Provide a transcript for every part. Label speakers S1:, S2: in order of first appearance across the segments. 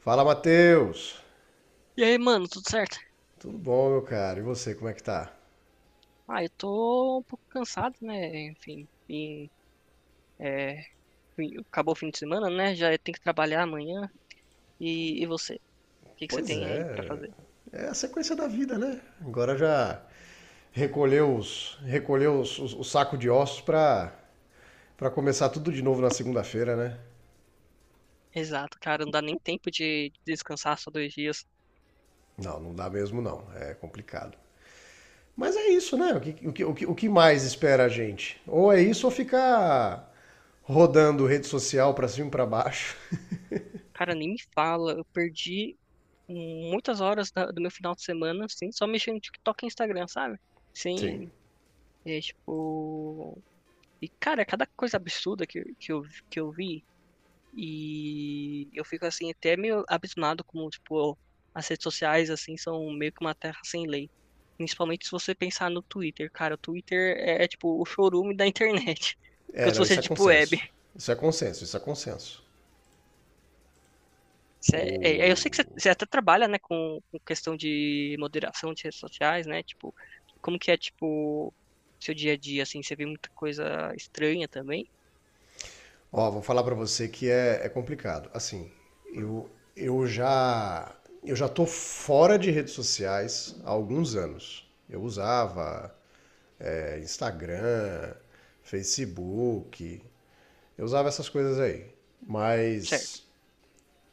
S1: Fala, Matheus!
S2: E aí, mano, tudo certo?
S1: Tudo bom, meu cara? E você, como é que tá?
S2: Ah, eu tô um pouco cansado, né? Enfim, é, acabou o fim de semana, né? Já tem que trabalhar amanhã. E você? O que que você
S1: Pois
S2: tem aí pra
S1: é,
S2: fazer?
S1: é a sequência da vida, né? Agora já o saco de ossos pra começar tudo de novo na segunda-feira, né?
S2: Exato, cara, não dá nem tempo de descansar só 2 dias.
S1: Não, não dá mesmo não, é complicado. Mas é isso, né? O que mais espera a gente? Ou é isso ou ficar rodando rede social pra cima e pra baixo.
S2: Cara, nem me fala, eu perdi muitas horas do meu final de semana, assim, só mexendo no TikTok e Instagram, sabe?
S1: Sim.
S2: Sim, é tipo. E, cara, é cada coisa absurda que eu vi. E eu fico assim até meio abismado como tipo as redes sociais assim são meio que uma terra sem lei. Principalmente se você pensar no Twitter, cara, o Twitter é tipo o chorume da internet.
S1: É,
S2: Enquanto
S1: não,
S2: você
S1: isso
S2: é
S1: é
S2: tipo web.
S1: consenso. Isso é consenso, isso é consenso.
S2: Eu sei que você até trabalha, né, com questão de moderação de redes sociais, né? Tipo, como que é tipo seu dia a dia assim, você vê muita coisa estranha também,
S1: Ó, vou falar pra você é complicado. Assim, eu, eu já eu já tô fora de redes sociais há alguns anos. Eu usava Instagram, Facebook, eu usava essas coisas aí.
S2: certo?
S1: Mas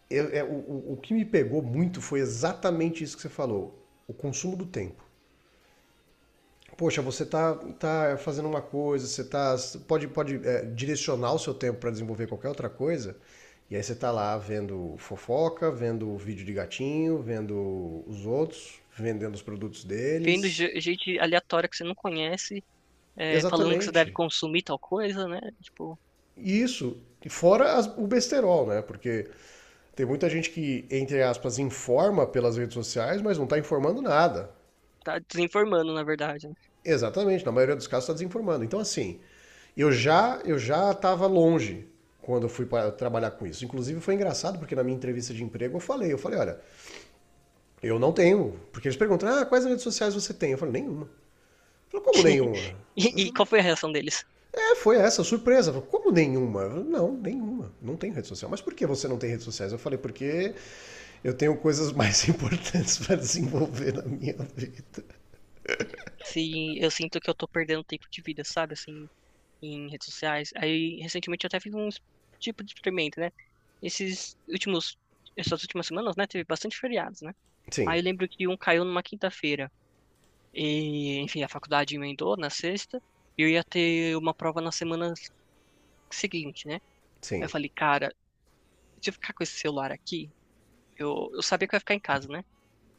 S1: o que me pegou muito foi exatamente isso que você falou, o consumo do tempo. Poxa, tá fazendo uma coisa, você tá pode direcionar o seu tempo para desenvolver qualquer outra coisa, e aí você tá lá vendo fofoca, vendo vídeo de gatinho, vendo os outros, vendendo os produtos
S2: Vendo
S1: deles.
S2: gente aleatória que você não conhece, falando que você deve
S1: Exatamente.
S2: consumir tal coisa, né? Tipo,
S1: E isso, e fora o besterol, né? Porque tem muita gente que, entre aspas, informa pelas redes sociais, mas não tá informando nada.
S2: tá desinformando, na verdade, né?
S1: Exatamente, na maioria dos casos está desinformando. Então, assim, eu já estava longe quando eu fui para trabalhar com isso. Inclusive foi engraçado porque na minha entrevista de emprego eu falei, olha, eu não tenho, porque eles perguntam: "Ah, quais redes sociais você tem?" Eu falei: "Nenhuma". Eu falei, como nenhuma?
S2: E,
S1: Eu
S2: e
S1: falei,
S2: qual foi a reação deles?
S1: foi essa surpresa. Eu falei, como nenhuma? Eu falei, não, nenhuma. Não tenho rede social. Mas por que você não tem redes sociais? Eu falei, porque eu tenho coisas mais importantes para desenvolver na minha vida.
S2: Se eu sinto que eu tô perdendo tempo de vida, sabe, assim, em redes sociais. Aí, recentemente, eu até fiz um tipo de experimento, né? Esses últimos, essas últimas semanas, né, teve bastante feriados, né?
S1: Sim,
S2: Aí eu lembro que um caiu numa quinta-feira. E, enfim, a faculdade emendou na sexta. E eu ia ter uma prova na semana seguinte, né? Aí eu
S1: sim,
S2: falei, cara, se eu ficar com esse celular aqui, eu sabia que eu ia ficar em casa, né?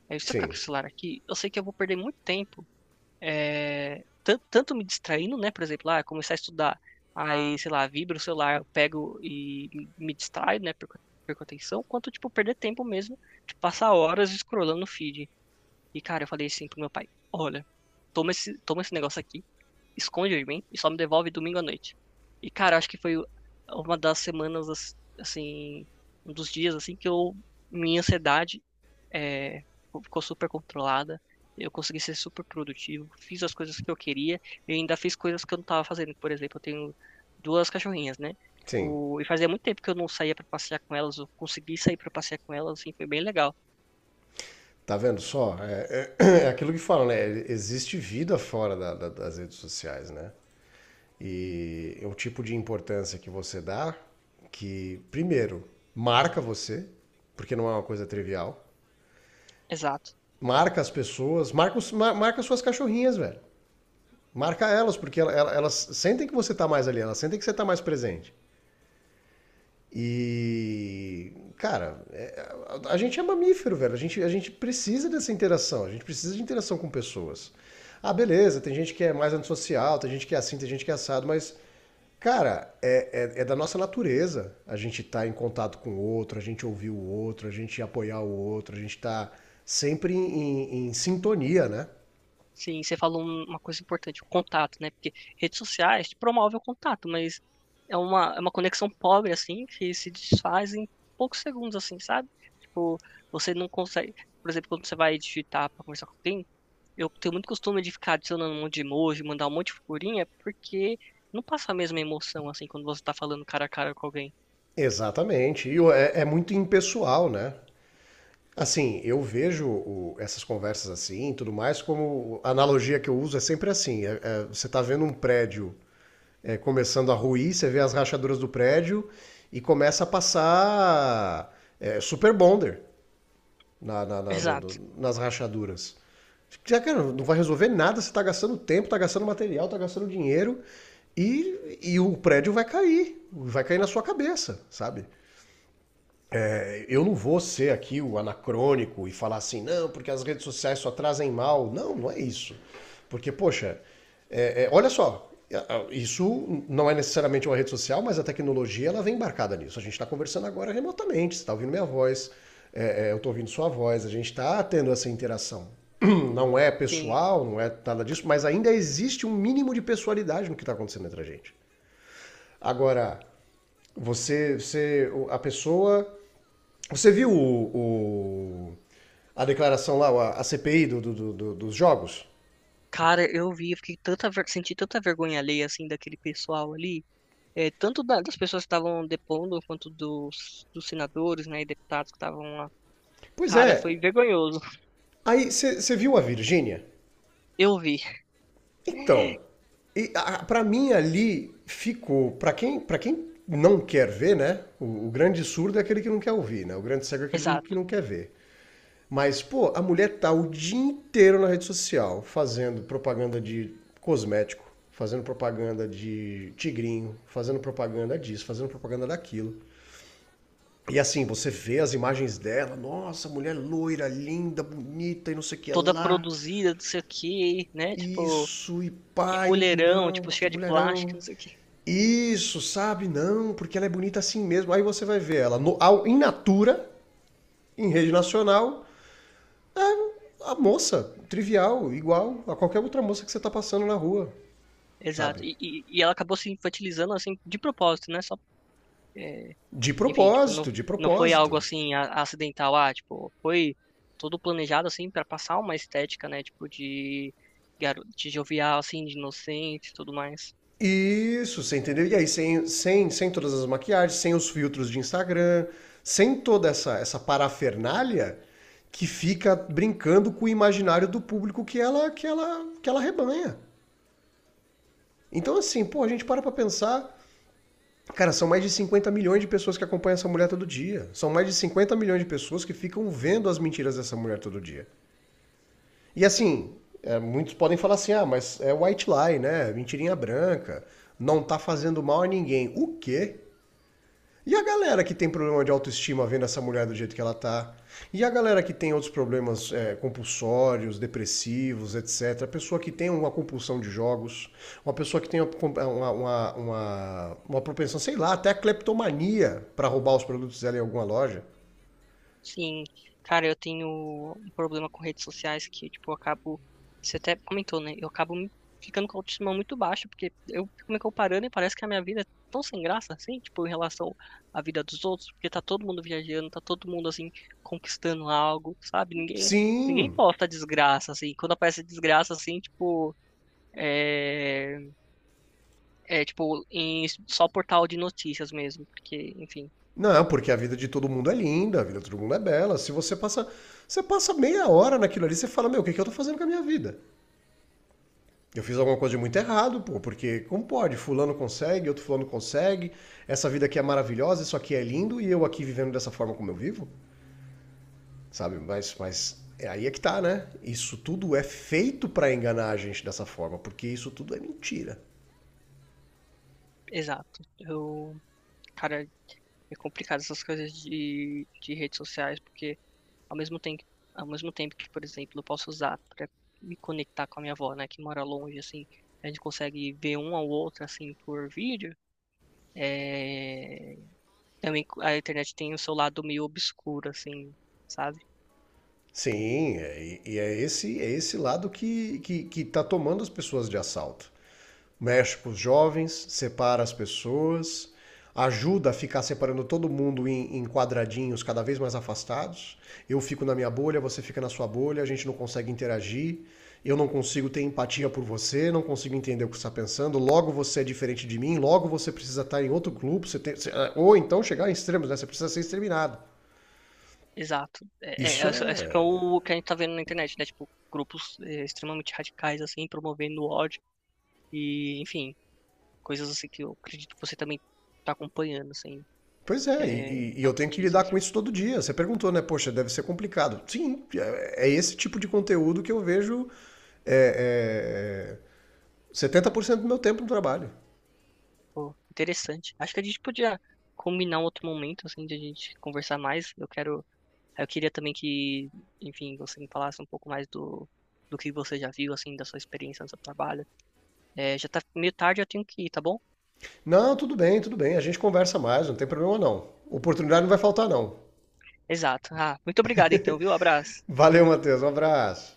S2: Aí, se eu ficar com
S1: sim,
S2: o celular aqui, eu sei que eu vou perder muito tempo, tanto me distraindo, né? Por exemplo, ah, começar a estudar, aí, sei lá, vibra o celular, eu pego e me distraio, né? Perco a atenção, quanto, tipo, perder tempo mesmo, de passar horas scrollando no feed. E, cara, eu falei assim pro meu pai, olha, toma esse negócio aqui, esconde de mim e só me devolve domingo à noite. E, cara, acho que foi uma das semanas, assim, um dos dias, assim, minha ansiedade é, ficou super controlada. Eu consegui ser super produtivo, fiz as coisas que eu queria e ainda fiz coisas que eu não estava fazendo. Por exemplo, eu tenho duas cachorrinhas, né?
S1: sim.
S2: Tipo, e fazia muito tempo que eu não saía para passear com elas, eu consegui sair para passear com elas, assim, foi bem legal.
S1: Tá vendo só? É aquilo que falam, né? Existe vida fora das redes sociais, né? E é o tipo de importância que você dá que, primeiro, marca você, porque não é uma coisa trivial.
S2: Exato.
S1: Marca as pessoas, marca suas cachorrinhas, velho. Marca elas, porque elas sentem que você tá mais ali, elas sentem que você tá mais presente. E, cara, a gente é mamífero, velho. A gente precisa dessa interação. A gente precisa de interação com pessoas. Ah, beleza, tem gente que é mais antissocial, tem gente que é assim, tem gente que é assado, mas, cara, é da nossa natureza a gente estar em contato com o outro, a gente ouvir o outro, a gente apoiar o outro, a gente tá sempre em em sintonia, né?
S2: Sim, você falou uma coisa importante, o contato, né? Porque redes sociais te promove o contato, mas é uma conexão pobre, assim, que se desfaz em poucos segundos, assim, sabe? Tipo, você não consegue. Por exemplo, quando você vai digitar para conversar com alguém, eu tenho muito costume de ficar adicionando um monte de emoji, mandar um monte de figurinha, porque não passa a mesma emoção assim quando você tá falando cara a cara com alguém.
S1: Exatamente. É muito impessoal, né? Assim, essas conversas assim e tudo mais, como a analogia que eu uso é sempre assim: você está vendo um prédio começando a ruir, você vê as rachaduras do prédio e começa a passar super bonder
S2: Exato.
S1: nas rachaduras. Já, cara, não vai resolver nada, você está gastando tempo, está gastando material, está gastando dinheiro e o prédio vai cair na sua cabeça, sabe? Eu não vou ser aqui o anacrônico e falar assim, não, porque as redes sociais só trazem mal. Não, não é isso. Porque, poxa, olha só, isso não é necessariamente uma rede social, mas a tecnologia ela vem embarcada nisso. A gente está conversando agora remotamente, você está ouvindo minha voz, eu estou ouvindo sua voz, a gente está tendo essa interação. Não é
S2: Sim.
S1: pessoal, não é nada disso, mas ainda existe um mínimo de pessoalidade no que está acontecendo entre a gente. Agora, você a pessoa você viu o- a declaração lá, a CPI dos jogos?
S2: Cara, eu vi, eu fiquei tanta, senti tanta vergonha alheia assim daquele pessoal ali, tanto das pessoas que estavam depondo quanto dos senadores, né, e deputados que estavam lá.
S1: Pois
S2: Cara,
S1: é.
S2: foi vergonhoso.
S1: Aí você viu a Virgínia?
S2: Eu vi.
S1: Então, para mim ali ficou, para quem não quer ver, né? O grande surdo é aquele que não quer ouvir, né? O grande cego é aquele que
S2: Exato.
S1: não quer ver. Mas, pô, a mulher tá o dia inteiro na rede social fazendo propaganda de cosmético, fazendo propaganda de tigrinho, fazendo propaganda disso, fazendo propaganda daquilo. E assim, você vê as imagens dela, nossa, mulher loira, linda, bonita e não sei o que é
S2: Toda
S1: lá.
S2: produzida, não sei o quê, né? Tipo,
S1: Isso, e
S2: que
S1: pai,
S2: mulherão,
S1: não,
S2: tipo,
S1: que
S2: cheia de plástico,
S1: mulherão.
S2: não sei o quê.
S1: Isso, sabe? Não, porque ela é bonita assim mesmo. Aí você vai ver ela no, ao, in natura, em rede nacional, é a moça, trivial, igual a qualquer outra moça que você tá passando na rua, sabe?
S2: Exato. E ela acabou se infantilizando, assim, de propósito, né? Só, é,
S1: De
S2: enfim, tipo, não,
S1: propósito, de
S2: não foi
S1: propósito.
S2: algo, assim, acidental. Ah, tipo, foi todo planejado, assim, para passar uma estética, né? Tipo, de, garo de jovial, assim, de inocente e tudo mais.
S1: Isso, você entendeu? E aí, sem todas as maquiagens, sem os filtros de Instagram, sem toda essa, essa parafernália que fica brincando com o imaginário do público que ela rebanha. Então, assim, pô, a gente para pra pensar. Cara, são mais de 50 milhões de pessoas que acompanham essa mulher todo dia. São mais de 50 milhões de pessoas que ficam vendo as mentiras dessa mulher todo dia. E assim, é, muitos podem falar assim: ah, mas é white lie, né? Mentirinha branca. Não tá fazendo mal a ninguém. O quê? E a galera que tem problema de autoestima vendo essa mulher do jeito que ela tá? E a galera que tem outros problemas compulsórios, depressivos, etc. A pessoa que tem uma compulsão de jogos, uma pessoa que tem uma propensão, sei lá, até a cleptomania para roubar os produtos dela em alguma loja.
S2: Sim, cara, eu tenho um problema com redes sociais que, tipo, eu acabo. Você até comentou, né? Eu acabo ficando com a autoestima muito baixa, porque eu fico me comparando e parece que a minha vida é tão sem graça, assim, tipo, em relação à vida dos outros, porque tá todo mundo viajando, tá todo mundo, assim, conquistando algo, sabe? Ninguém
S1: Sim,
S2: posta desgraça, assim. Quando aparece desgraça, assim, tipo, é, é tipo, em só portal de notícias mesmo, porque, enfim,
S1: não, porque a vida de todo mundo é linda, a vida de todo mundo é bela. Se você passa, você passa meia hora naquilo ali, você fala, meu, o que eu tô fazendo com a minha vida? Eu fiz alguma coisa de muito errado, pô, porque como pode? Fulano consegue, outro fulano consegue, essa vida aqui é maravilhosa, isso aqui é lindo, e eu aqui vivendo dessa forma como eu vivo, sabe? Mas é aí é que tá, né? Isso tudo é feito para enganar a gente dessa forma, porque isso tudo é mentira.
S2: exato. Eu. Cara, é complicado essas coisas de redes sociais, porque ao mesmo tempo, ao mesmo tempo que, por exemplo, eu posso usar para me conectar com a minha avó, né, que mora longe, assim, a gente consegue ver um ao outro, assim, por vídeo, é... Também a internet tem o seu lado meio obscuro, assim, sabe?
S1: Sim, e é é esse lado que que está tomando as pessoas de assalto. Mexe com os jovens, separa as pessoas, ajuda a ficar separando todo mundo em quadradinhos cada vez mais afastados. Eu fico na minha bolha, você fica na sua bolha, a gente não consegue interagir, eu não consigo ter empatia por você, não consigo entender o que você está pensando, logo você é diferente de mim, logo você precisa estar em outro grupo, ou então chegar em extremos, né? Você precisa ser exterminado.
S2: Exato. É,
S1: Isso
S2: é, isso isso que é
S1: é.
S2: o que a gente tá vendo na internet, né? Tipo, grupos extremamente radicais, assim, promovendo ódio e, enfim, coisas assim que eu acredito que você também tá acompanhando, assim,
S1: Pois é, e, e e eu
S2: nas
S1: tenho que lidar
S2: notícias.
S1: com isso todo dia. Você perguntou, né? Poxa, deve ser complicado. Sim, é é esse tipo de conteúdo que eu vejo é, é, 70% do meu tempo no trabalho.
S2: Pô, interessante. Acho que a gente podia combinar um outro momento, assim, de a gente conversar mais. Eu queria também que, enfim, você me falasse um pouco mais do que você já viu, assim, da sua experiência no seu trabalho. É, já tá meio tarde, eu tenho que ir, tá bom?
S1: Não, tudo bem, tudo bem. A gente conversa mais, não tem problema não. Oportunidade não vai faltar, não.
S2: Exato. Ah, muito obrigado, então, viu? Abraço.
S1: Valeu, Matheus. Um abraço.